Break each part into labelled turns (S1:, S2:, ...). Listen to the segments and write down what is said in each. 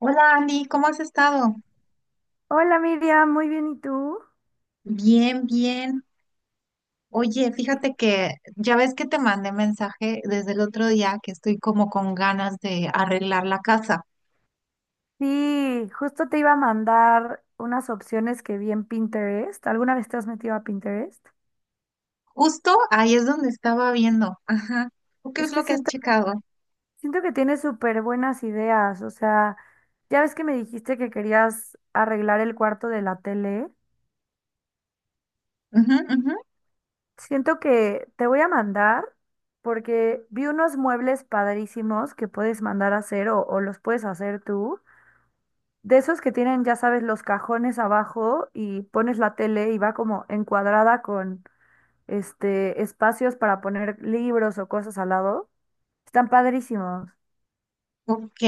S1: Hola Andy, ¿cómo has estado?
S2: Hola Miriam, muy bien, ¿y tú?
S1: Bien, bien. Oye,
S2: Sí,
S1: fíjate que ya ves que te mandé mensaje desde el otro día que estoy como con ganas de arreglar la casa.
S2: sí, justo te iba a mandar unas opciones que vi en Pinterest. ¿Alguna vez te has metido a Pinterest?
S1: Justo ahí es donde estaba viendo. Ajá. ¿Tú qué
S2: Es
S1: es
S2: que
S1: lo que has
S2: siento,
S1: checado?
S2: siento que tienes súper buenas ideas, o sea, ya ves que me dijiste que querías arreglar el cuarto de la tele.
S1: Ujú, ujú.
S2: Siento que te voy a mandar porque vi unos muebles padrísimos que puedes mandar a hacer o los puedes hacer tú. De esos que tienen, ya sabes, los cajones abajo y pones la tele y va como encuadrada con espacios para poner libros o cosas al lado. Están padrísimos.
S1: Ok.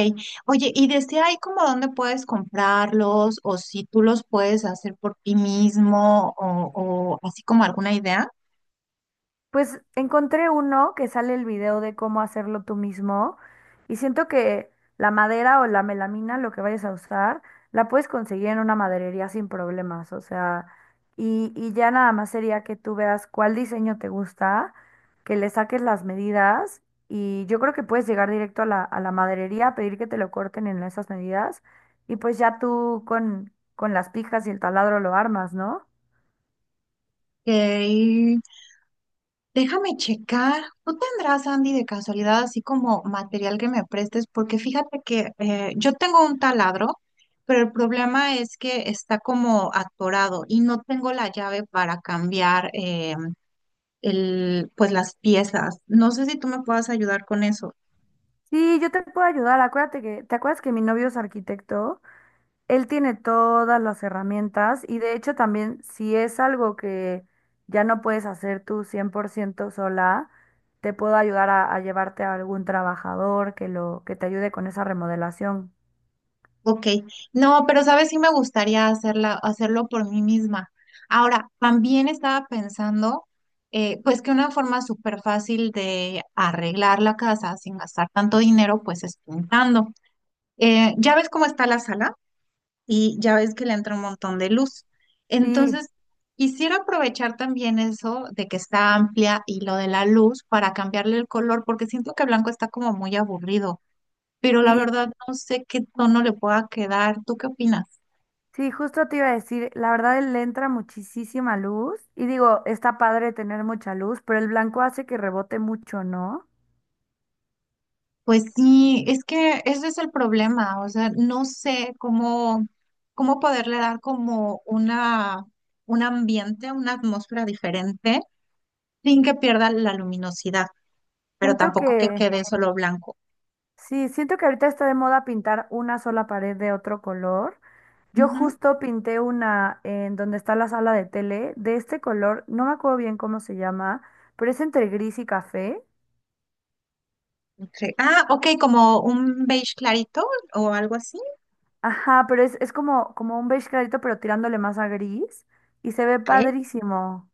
S1: Oye, ¿y desde ahí como dónde puedes comprarlos o si tú los puedes hacer por ti mismo o así como alguna idea?
S2: Pues encontré uno que sale el video de cómo hacerlo tú mismo y siento que la madera o la melamina, lo que vayas a usar, la puedes conseguir en una maderería sin problemas, o sea, y ya nada más sería que tú veas cuál diseño te gusta, que le saques las medidas y yo creo que puedes llegar directo a la maderería, pedir que te lo corten en esas medidas y pues ya tú con las pijas y el taladro lo armas, ¿no?
S1: Ok. Déjame checar. ¿Tú tendrás, Andy, de casualidad, así como material que me prestes? Porque fíjate que yo tengo un taladro, pero el problema es que está como atorado y no tengo la llave para cambiar el, pues las piezas. No sé si tú me puedas ayudar con eso.
S2: Sí, yo te puedo ayudar. Acuérdate que, ¿te acuerdas que mi novio es arquitecto? Él tiene todas las herramientas y de hecho también si es algo que ya no puedes hacer tú 100% sola, te puedo ayudar a llevarte a algún trabajador que lo que te ayude con esa remodelación.
S1: Ok, no, pero sabes, sí me gustaría hacerlo por mí misma. Ahora, también estaba pensando, pues que una forma súper fácil de arreglar la casa sin gastar tanto dinero, pues es pintando. Ya ves cómo está la sala y ya ves que le entra un montón de luz.
S2: Sí,
S1: Entonces, quisiera aprovechar también eso de que está amplia y lo de la luz para cambiarle el color, porque siento que blanco está como muy aburrido, pero la
S2: sí,
S1: verdad no sé qué tono le pueda quedar. ¿Tú qué opinas?
S2: sí, justo te iba a decir, la verdad él le entra muchísima luz y digo, está padre tener mucha luz, pero el blanco hace que rebote mucho, ¿no?
S1: Pues sí, es que ese es el problema, o sea, no sé cómo, cómo poderle dar un ambiente, una atmósfera diferente sin que pierda la luminosidad, pero
S2: Siento
S1: tampoco que
S2: que
S1: quede solo blanco.
S2: Sí, siento que ahorita está de moda pintar una sola pared de otro color. Yo
S1: Ujú,
S2: justo pinté una en donde está la sala de tele de este color, no me acuerdo bien cómo se llama, pero es entre gris y café.
S1: ok. Ah, ok, como un beige clarito o algo así.
S2: Ajá, pero es como, como un beige clarito, pero tirándole más a gris y se ve
S1: Ok,
S2: padrísimo.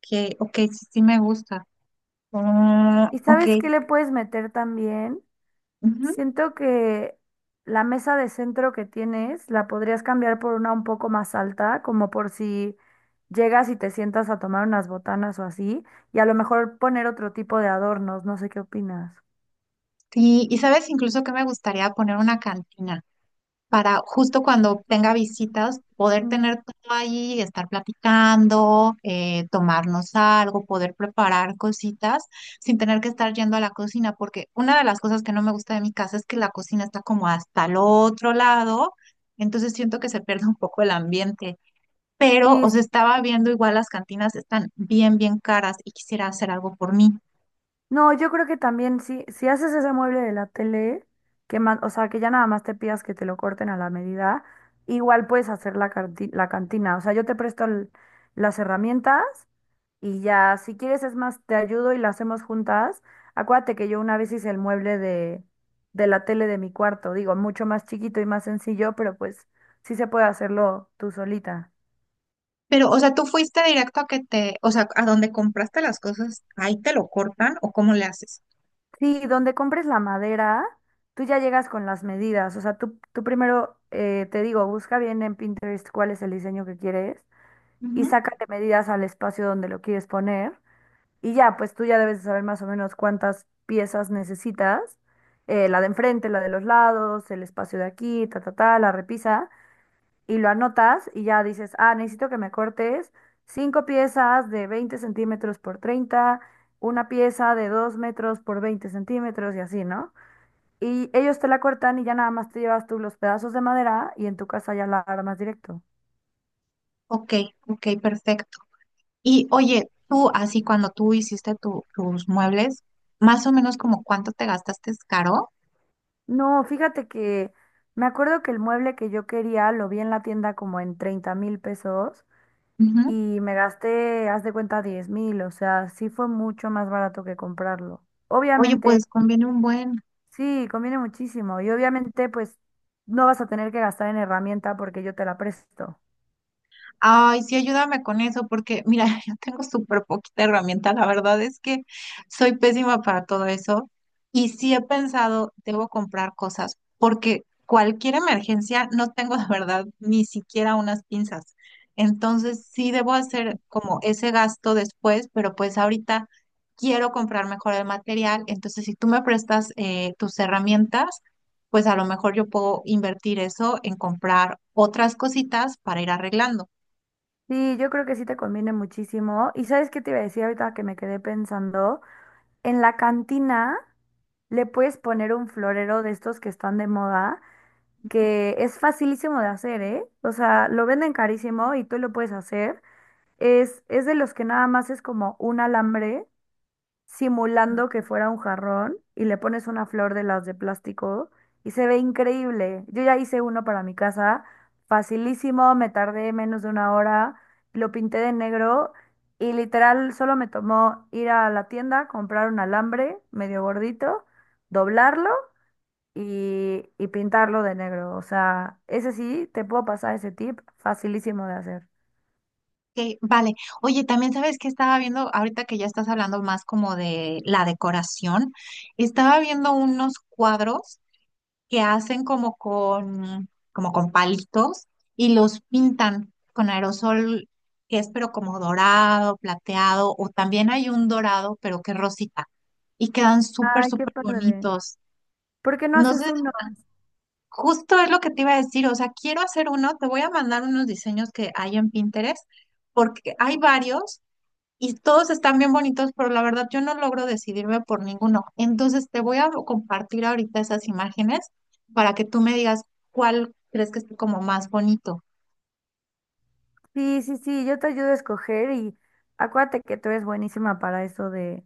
S1: que, ok, sí, sí me gusta. Ah,
S2: ¿Y
S1: ok.
S2: sabes qué le puedes meter también?
S1: Ujú.
S2: Siento que la mesa de centro que tienes la podrías cambiar por una un poco más alta, como por si llegas y te sientas a tomar unas botanas o así, y a lo mejor poner otro tipo de adornos, no sé qué opinas.
S1: Sí, y sabes incluso que me gustaría poner una cantina, para justo cuando tenga visitas poder
S2: Mm.
S1: tener todo ahí, estar platicando, tomarnos algo, poder preparar cositas sin tener que estar yendo a la cocina, porque una de las cosas que no me gusta de mi casa es que la cocina está como hasta el otro lado, entonces siento que se pierde un poco el ambiente. Pero
S2: Sí,
S1: os
S2: s-
S1: estaba viendo igual las cantinas están bien caras y quisiera hacer algo por mí.
S2: no, yo creo que también si haces ese mueble de la tele, o sea, que ya nada más te pidas que te lo corten a la medida, igual puedes hacer la cantina. O sea, yo te presto las herramientas. Y ya, si quieres, es más, te ayudo y la hacemos juntas. Acuérdate que yo una vez hice el mueble de la tele de mi cuarto, digo, mucho más chiquito y más sencillo, pero pues sí se puede hacerlo tú solita.
S1: Pero, o sea, tú fuiste directo a que te, o sea, a donde compraste las cosas, ahí te lo cortan o cómo le haces.
S2: Sí, donde compres la madera, tú ya llegas con las medidas. O sea, tú primero, te digo, busca bien en Pinterest cuál es el diseño que quieres y sácate medidas al espacio donde lo quieres poner. Y ya, pues tú ya debes de saber más o menos cuántas piezas necesitas, la de enfrente, la de los lados, el espacio de aquí, ta, ta, ta, la repisa, y lo anotas y ya dices, ah, necesito que me cortes cinco piezas de 20 centímetros por 30, una pieza de 2 metros por 20 centímetros y así, ¿no? Y ellos te la cortan y ya nada más te llevas tú los pedazos de madera y en tu casa ya la armas directo.
S1: Ok, ok, perfecto. Y oye, tú, así cuando tú hiciste tus muebles, más o menos como cuánto te gastaste, ¿es caro?
S2: No, fíjate que me acuerdo que el mueble que yo quería lo vi en la tienda como en 30,000 pesos
S1: Ujú.
S2: y me gasté, haz de cuenta, 10,000, o sea, sí fue mucho más barato que comprarlo.
S1: Oye,
S2: Obviamente,
S1: pues conviene un buen.
S2: sí, conviene muchísimo y obviamente pues no vas a tener que gastar en herramienta porque yo te la presto.
S1: Ay, sí, ayúdame con eso, porque mira, yo tengo súper poquita herramienta. La verdad es que soy pésima para todo eso. Y sí he pensado, debo comprar cosas, porque cualquier emergencia no tengo de verdad ni siquiera unas pinzas. Entonces sí debo hacer como ese gasto después, pero pues ahorita quiero comprar mejor el material. Entonces, si tú me prestas tus herramientas, pues a lo mejor yo puedo invertir eso en comprar otras cositas para ir arreglando.
S2: Sí, yo creo que sí te conviene muchísimo. ¿Y sabes qué te iba a decir ahorita que me quedé pensando? En la cantina le puedes poner un florero de estos que están de moda que es facilísimo de hacer, ¿eh? O sea, lo venden carísimo y tú lo puedes hacer. Es de los que nada más es como un alambre simulando que fuera un jarrón y le pones una flor de las de plástico y se ve increíble. Yo ya hice uno para mi casa, facilísimo, me tardé menos de una hora, lo pinté de negro y literal solo me tomó ir a la tienda, comprar un alambre medio gordito, doblarlo y pintarlo de negro. O sea, ese sí, te puedo pasar ese tip, facilísimo de hacer.
S1: Ok, vale. Oye, también sabes que estaba viendo, ahorita que ya estás hablando más como de la decoración, estaba viendo unos cuadros que hacen como con palitos y los pintan con aerosol, que es pero como dorado, plateado, o también hay un dorado, pero que es rosita, y quedan
S2: Ay, qué
S1: súper
S2: padre.
S1: bonitos.
S2: ¿Por qué no
S1: No sé,
S2: haces uno?
S1: justo es lo que te iba a decir, o sea, quiero hacer uno, te voy a mandar unos diseños que hay en Pinterest, porque hay varios y todos están bien bonitos, pero la verdad yo no logro decidirme por ninguno. Entonces te voy a compartir ahorita esas imágenes para que tú me digas cuál crees que es como más bonito.
S2: Sí, sí, sí, yo te ayudo a escoger y acuérdate que tú eres buenísima para eso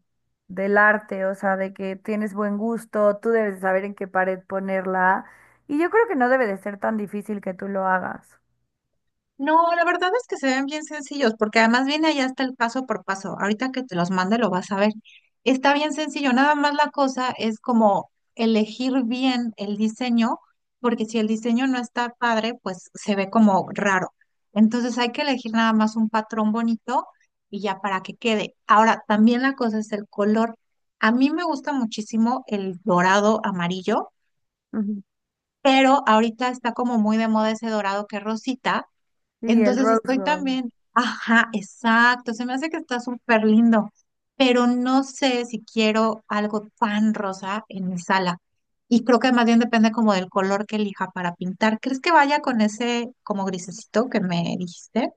S2: del arte, o sea, de que tienes buen gusto, tú debes de saber en qué pared ponerla. Y yo creo que no debe de ser tan difícil que tú lo hagas.
S1: No, la verdad es que se ven bien sencillos, porque además viene allá hasta el paso por paso. Ahorita que te los mande lo vas a ver. Está bien sencillo, nada más la cosa es como elegir bien el diseño, porque si el diseño no está padre, pues se ve como raro. Entonces hay que elegir nada más un patrón bonito y ya para que quede. Ahora, también la cosa es el color. A mí me gusta muchísimo el dorado amarillo,
S2: Ujú.
S1: pero ahorita está como muy de moda ese dorado que es rosita,
S2: Sí, el
S1: entonces
S2: rose
S1: estoy
S2: gold.
S1: también, ajá, exacto, se me hace que está súper lindo, pero no sé si quiero algo tan rosa en mi sala. Y creo que más bien depende como del color que elija para pintar. ¿Crees que vaya con ese como grisecito que me dijiste?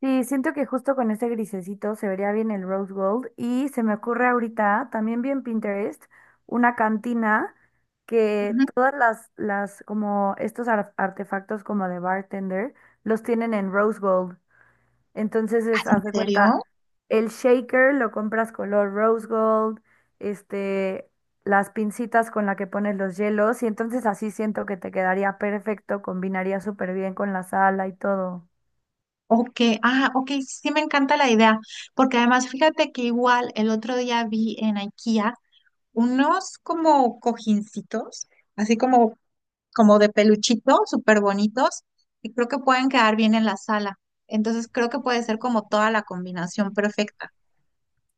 S2: Sí, siento que justo con ese grisecito se vería bien el rose gold y se me ocurre ahorita, también bien Pinterest, una cantina que
S1: Ujú.
S2: todas las como estos artefactos como de bartender los tienen en rose gold. Entonces, es,
S1: ¿En
S2: haz de
S1: serio?
S2: cuenta, el shaker lo compras color rose gold, este, las pincitas con la que pones los hielos y entonces así siento que te quedaría perfecto, combinaría súper bien con la sala y todo.
S1: Ok, ah, ok, sí me encanta la idea, porque además fíjate que igual el otro día vi en IKEA unos como cojincitos, así como como de peluchito, súper bonitos, y creo que pueden quedar bien en la sala. Entonces creo que puede ser como toda la combinación perfecta.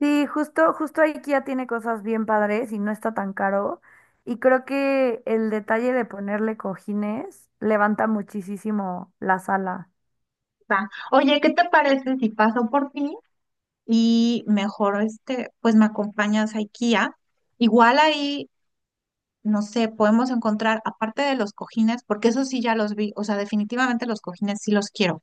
S2: Sí, justo, justo IKEA tiene cosas bien padres y no está tan caro. Y creo que el detalle de ponerle cojines levanta muchísimo la sala.
S1: Va. Oye, ¿qué te parece si paso por ti y mejor este, pues me acompañas a IKEA? Igual ahí, no sé, podemos encontrar, aparte de los cojines, porque eso sí ya los vi, o sea, definitivamente los cojines sí los quiero,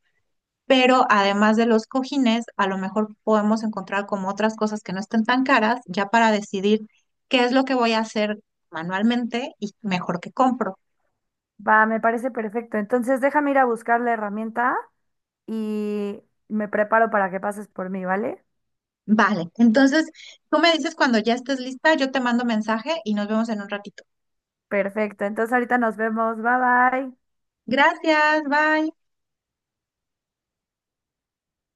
S1: pero además de los cojines, a lo mejor podemos encontrar como otras cosas que no estén tan caras, ya para decidir qué es lo que voy a hacer manualmente y mejor que compro.
S2: Va, me parece perfecto. Entonces déjame ir a buscar la herramienta y me preparo para que pases por mí, ¿vale?
S1: Vale, entonces tú me dices cuando ya estés lista, yo te mando mensaje y nos vemos en un ratito.
S2: Perfecto. Entonces ahorita nos vemos. Bye bye.
S1: Gracias, bye.